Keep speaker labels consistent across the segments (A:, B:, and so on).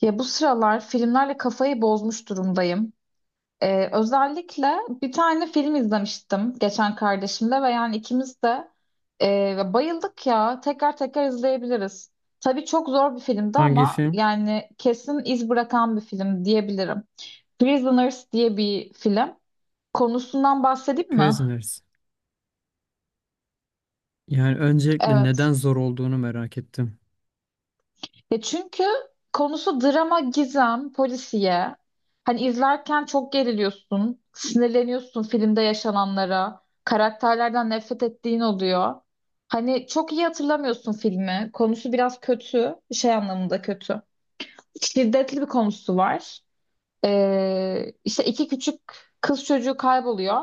A: Ya bu sıralar filmlerle kafayı bozmuş durumdayım. Özellikle bir tane film izlemiştim geçen kardeşimle ve yani ikimiz de bayıldık ya. Tekrar tekrar izleyebiliriz. Tabii çok zor bir filmdi
B: Hangi
A: ama
B: film?
A: yani kesin iz bırakan bir film diyebilirim. Prisoners diye bir film. Konusundan bahsedeyim mi?
B: Prisoners. Yani öncelikle
A: Evet.
B: neden zor olduğunu merak ettim.
A: Ya çünkü konusu drama, gizem, polisiye. Hani izlerken çok geriliyorsun, sinirleniyorsun filmde yaşananlara, karakterlerden nefret ettiğin oluyor. Hani çok iyi hatırlamıyorsun filmi. Konusu biraz kötü, şey anlamında kötü. Şiddetli bir konusu var. İşte iki küçük kız çocuğu kayboluyor.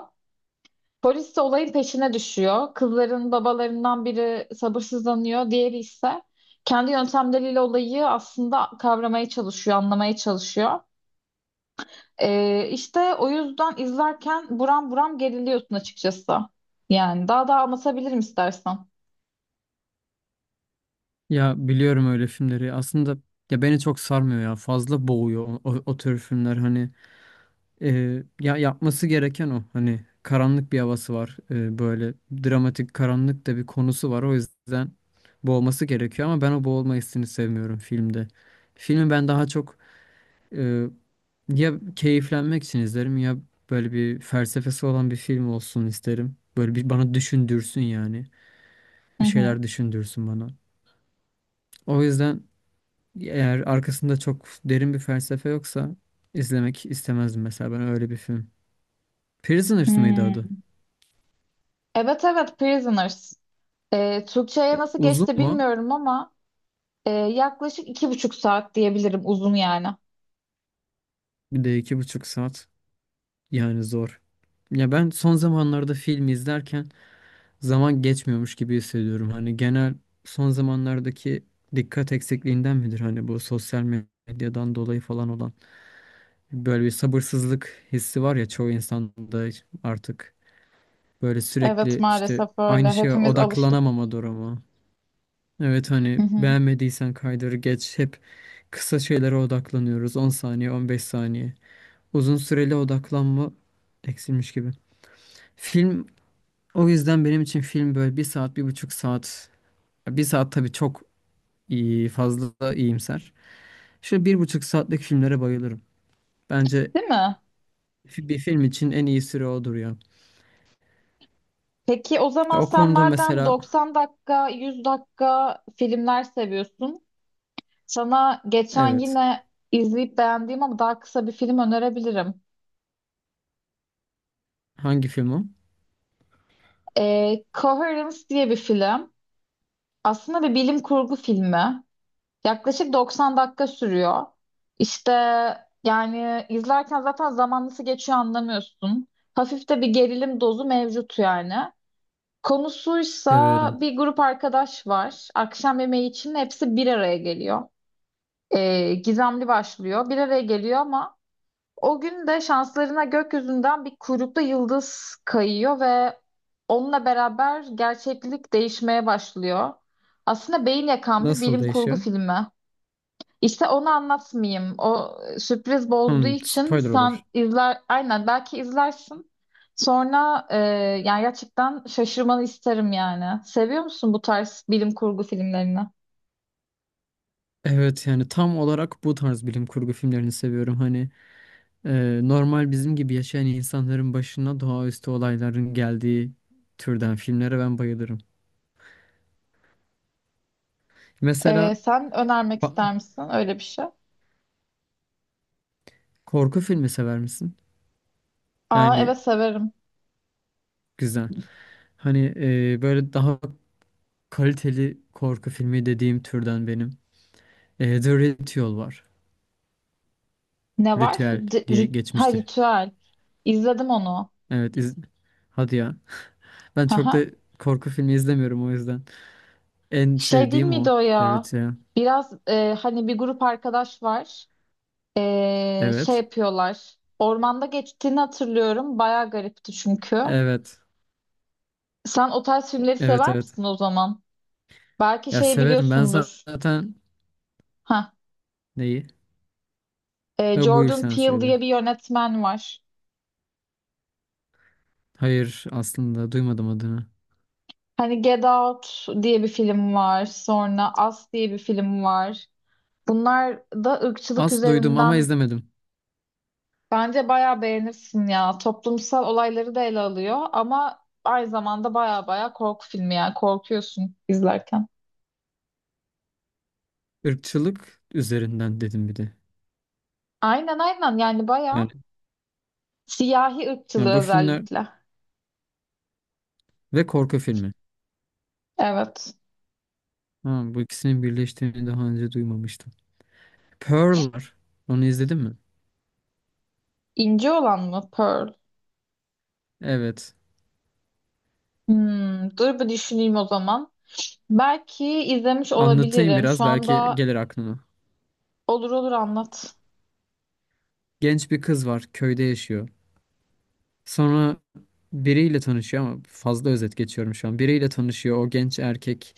A: Polis de olayın peşine düşüyor. Kızların babalarından biri sabırsızlanıyor, diğeri ise kendi yöntemleriyle olayı aslında kavramaya çalışıyor, anlamaya çalışıyor. İşte o yüzden izlerken buram buram geriliyorsun açıkçası. Yani daha da anlatabilirim istersen.
B: Ya, biliyorum öyle filmleri. Aslında ya beni çok sarmıyor ya. Fazla boğuyor o tür filmler. Hani ya, yapması gereken o. Hani karanlık bir havası var. Böyle dramatik karanlık da bir konusu var. O yüzden boğması gerekiyor ama ben o boğulma hissini sevmiyorum filmde. Filmi ben daha çok, Ee, ya, keyiflenmek için izlerim ya, böyle bir felsefesi olan bir film olsun isterim. Böyle bir bana düşündürsün yani.
A: Hı
B: Bir
A: hı.
B: şeyler düşündürsün bana. O yüzden eğer arkasında çok derin bir felsefe yoksa izlemek istemezdim mesela ben öyle bir film. Prisoners mıydı
A: Hmm.
B: adı?
A: Evet evet Prisoners. Türkçe'ye
B: Ya,
A: nasıl
B: uzun
A: geçti
B: mu?
A: bilmiyorum ama yaklaşık iki buçuk saat diyebilirim uzun yani.
B: Bir de 2,5 saat. Yani zor. Ya, ben son zamanlarda film izlerken zaman geçmiyormuş gibi hissediyorum. Hani genel, son zamanlardaki dikkat eksikliğinden midir? Hani bu sosyal medyadan dolayı falan olan böyle bir sabırsızlık hissi var ya, çoğu insanda artık böyle
A: Evet
B: sürekli işte
A: maalesef
B: aynı
A: öyle.
B: şeye
A: Hepimiz alıştık.
B: odaklanamama durumu. Evet,
A: Hı
B: hani
A: hı.
B: beğenmediysen kaydırı geç, hep kısa şeylere odaklanıyoruz. 10 saniye, 15 saniye. Uzun süreli odaklanma eksilmiş gibi. Film, o yüzden benim için film böyle bir saat, 1,5 saat, bir saat tabii çok iyi, fazla iyimser. Şöyle 1,5 saatlik filmlere bayılırım. Bence
A: Değil mi?
B: bir film için en iyi süre odur ya.
A: Peki o
B: Ya,
A: zaman
B: o
A: sen
B: konuda
A: madem
B: mesela
A: 90 dakika, 100 dakika filmler seviyorsun, sana geçen
B: evet.
A: yine izleyip beğendiğim ama daha kısa bir film önerebilirim.
B: Hangi film o?
A: Coherence diye bir film. Aslında bir bilim kurgu filmi. Yaklaşık 90 dakika sürüyor. İşte yani izlerken zaten zaman nasıl geçiyor anlamıyorsun. Hafif de bir gerilim dozu mevcut yani. Konusuysa
B: Severim.
A: bir grup arkadaş var. Akşam yemeği için hepsi bir araya geliyor. Gizemli başlıyor. Bir araya geliyor ama o gün de şanslarına gökyüzünden bir kuyruklu yıldız kayıyor ve onunla beraber gerçeklik değişmeye başlıyor. Aslında beyin yakan bir
B: Nasıl
A: bilim kurgu
B: değişiyor?
A: filmi. İşte onu anlatmayayım. O sürpriz bozduğu
B: Hmm,
A: için
B: spoiler
A: sen
B: olur.
A: izler, aynen belki izlersin. Sonra yani gerçekten şaşırmanı isterim yani. Seviyor musun bu tarz bilim kurgu filmlerini?
B: Evet, yani tam olarak bu tarz bilim kurgu filmlerini seviyorum. Hani normal bizim gibi yaşayan insanların başına doğaüstü olayların geldiği türden filmlere ben bayılırım. Mesela,
A: Sen önermek
B: ba-
A: ister misin öyle bir şey?
B: korku filmi sever misin?
A: Aa
B: Yani,
A: evet severim.
B: güzel. Hani böyle daha kaliteli korku filmi dediğim türden benim. The Ritual var.
A: Ne var?
B: Ritüel diye
A: Ha
B: geçmiştir.
A: ritüel. İzledim onu.
B: Evet, hadi ya. Ben çok da
A: Haha.
B: korku filmi izlemiyorum o yüzden. En
A: Şey değil
B: sevdiğim
A: miydi
B: o,
A: o
B: The
A: ya?
B: Ritual.
A: Biraz hani bir grup arkadaş var. Şey
B: Evet.
A: yapıyorlar. Ormanda geçtiğini hatırlıyorum. Bayağı garipti çünkü.
B: Evet.
A: Sen o tarz filmleri
B: Evet,
A: sever
B: evet.
A: misin o zaman? Belki
B: Ya,
A: şeyi
B: severim. Ben
A: biliyorsundur.
B: zaten.
A: Ha,
B: Neyi? Ve buyur
A: Jordan
B: sen
A: Peele
B: söyle.
A: diye bir yönetmen var.
B: Hayır, aslında duymadım adını.
A: Hani Get Out diye bir film var. Sonra Us diye bir film var. Bunlar da ırkçılık
B: Az duydum ama
A: üzerinden.
B: izlemedim.
A: Bence bayağı beğenirsin ya. Toplumsal olayları da ele alıyor ama aynı zamanda bayağı bayağı korku filmi yani korkuyorsun izlerken.
B: Irkçılık üzerinden dedim bir de.
A: Aynen aynen yani
B: Yani,
A: bayağı siyahi ırkçılığı
B: yani, bu filmler
A: özellikle.
B: ve korku filmi.
A: Evet.
B: Ha, bu ikisinin birleştiğini daha önce duymamıştım. Pearl'lar. Onu izledin mi?
A: İnce olan mı? Pearl.
B: Evet.
A: Hmm, dur bir düşüneyim o zaman. Belki izlemiş
B: Anlatayım
A: olabilirim. Şu
B: biraz, belki
A: anda
B: gelir aklına.
A: olur olur anlat.
B: Genç bir kız var, köyde yaşıyor. Sonra biriyle tanışıyor ama fazla özet geçiyorum şu an. Biriyle tanışıyor, o genç erkek.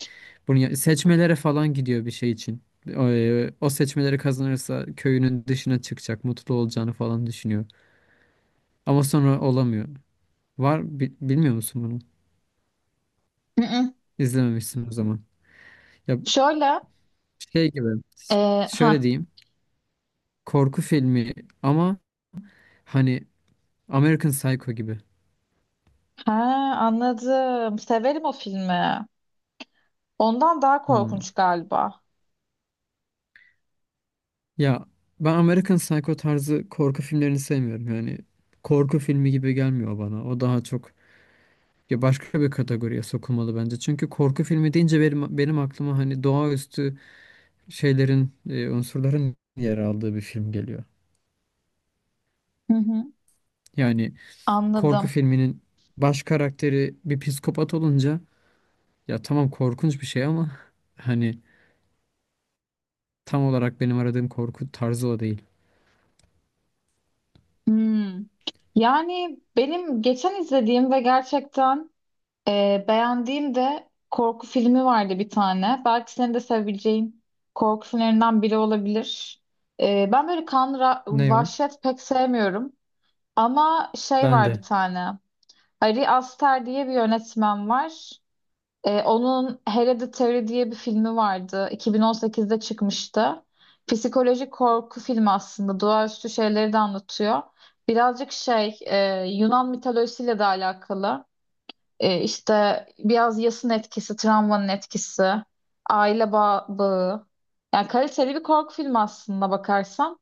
B: Bunu seçmelere falan gidiyor bir şey için. O seçmeleri kazanırsa köyünün dışına çıkacak, mutlu olacağını falan düşünüyor. Ama sonra olamıyor. Var bilmiyor musun bunu?
A: Hı hı.
B: İzlememişsin o zaman. Ya,
A: Şöyle
B: şey gibi,
A: e,
B: şöyle
A: ha
B: diyeyim. Korku filmi ama hani American Psycho gibi.
A: ha anladım. Severim o filmi. Ondan daha
B: Hmm.
A: korkunç galiba.
B: Ya, ben American Psycho tarzı korku filmlerini sevmiyorum. Yani korku filmi gibi gelmiyor bana. O daha çok ya başka bir kategoriye sokulmalı bence. Çünkü korku filmi deyince benim aklıma hani doğaüstü şeylerin, unsurların yer aldığı bir film geliyor.
A: Hı hı,
B: Yani korku
A: anladım.
B: filminin baş karakteri bir psikopat olunca ya tamam, korkunç bir şey ama hani tam olarak benim aradığım korku tarzı o değil.
A: Hmm. Yani benim geçen izlediğim ve gerçekten beğendiğim de korku filmi vardı bir tane. Belki senin de sevebileceğin korku filmlerinden biri olabilir. Ben böyle kan,
B: Ne o?
A: vahşet pek sevmiyorum. Ama şey
B: Ben
A: var bir
B: de.
A: tane. Ari Aster diye bir yönetmen var. Onun Hereditary diye bir filmi vardı. 2018'de çıkmıştı. Psikolojik korku filmi aslında. Doğaüstü şeyleri de anlatıyor. Birazcık şey, Yunan mitolojisiyle de alakalı. İşte biraz yasın etkisi, travmanın etkisi, aile bağı. Yani kaliteli bir korku filmi aslında bakarsan.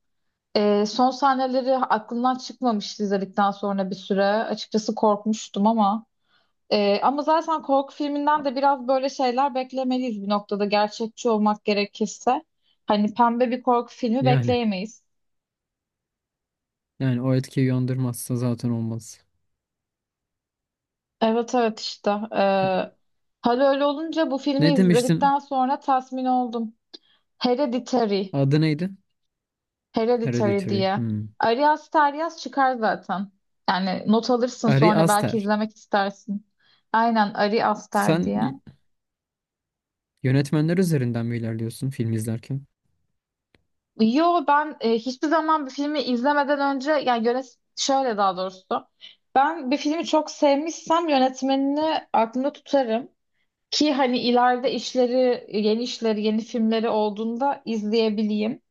A: Son sahneleri aklımdan çıkmamıştı izledikten sonra bir süre. Açıkçası korkmuştum ama. Ama zaten korku filminden de biraz böyle şeyler beklemeliyiz bir noktada gerçekçi olmak gerekirse. Hani pembe bir korku filmi
B: Yani.
A: bekleyemeyiz.
B: Yani o etkiyi uyandırmazsa zaten olmaz.
A: Evet evet işte. Hal öyle olunca bu filmi
B: Ne demiştin?
A: izledikten sonra tatmin oldum. Hereditary.
B: Adı neydi?
A: Hereditary
B: Hereditary.
A: diye.
B: Hmm.
A: Arias Taryas çıkar zaten. Yani not alırsın
B: Ari
A: sonra belki
B: Aster.
A: izlemek istersin. Aynen Ari Aster
B: Sen
A: diye.
B: yönetmenler üzerinden mi ilerliyorsun film izlerken?
A: Yo ben hiçbir zaman bir filmi izlemeden önce yani şöyle daha doğrusu. Ben bir filmi çok sevmişsem yönetmenini aklımda tutarım. Ki hani ileride işleri, yeni işleri, yeni filmleri olduğunda izleyebileyim.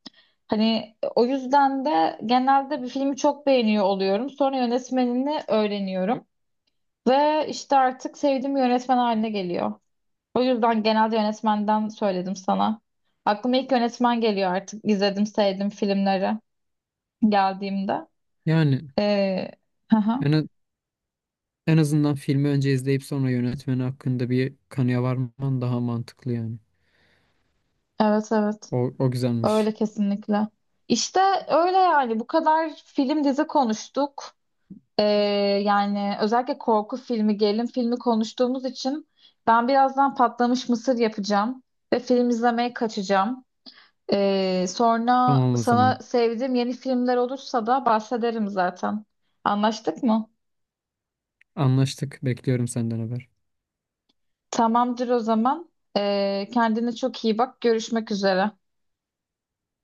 A: Hani o yüzden de genelde bir filmi çok beğeniyor oluyorum. Sonra yönetmenini öğreniyorum. Ve işte artık sevdiğim bir yönetmen haline geliyor. O yüzden genelde yönetmenden söyledim sana. Aklıma ilk yönetmen geliyor artık. İzledim, sevdim filmleri geldiğimde.
B: Yani
A: Ee, hı hı.
B: en, a- en azından filmi önce izleyip sonra yönetmeni hakkında bir kanıya varman daha mantıklı yani.
A: Evet evet.
B: O
A: Öyle
B: güzelmiş.
A: kesinlikle. İşte öyle yani. Bu kadar film dizi konuştuk. Ee, Yani özellikle korku filmi, gerilim filmi konuştuğumuz için ben birazdan patlamış mısır yapacağım ve film izlemeye kaçacağım. Sonra
B: Tamam o
A: sana
B: zaman.
A: sevdiğim yeni filmler olursa da bahsederim zaten. Anlaştık mı?
B: Anlaştık. Bekliyorum senden haber.
A: Tamamdır o zaman. Kendine çok iyi bak. Görüşmek üzere.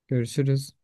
B: Görüşürüz.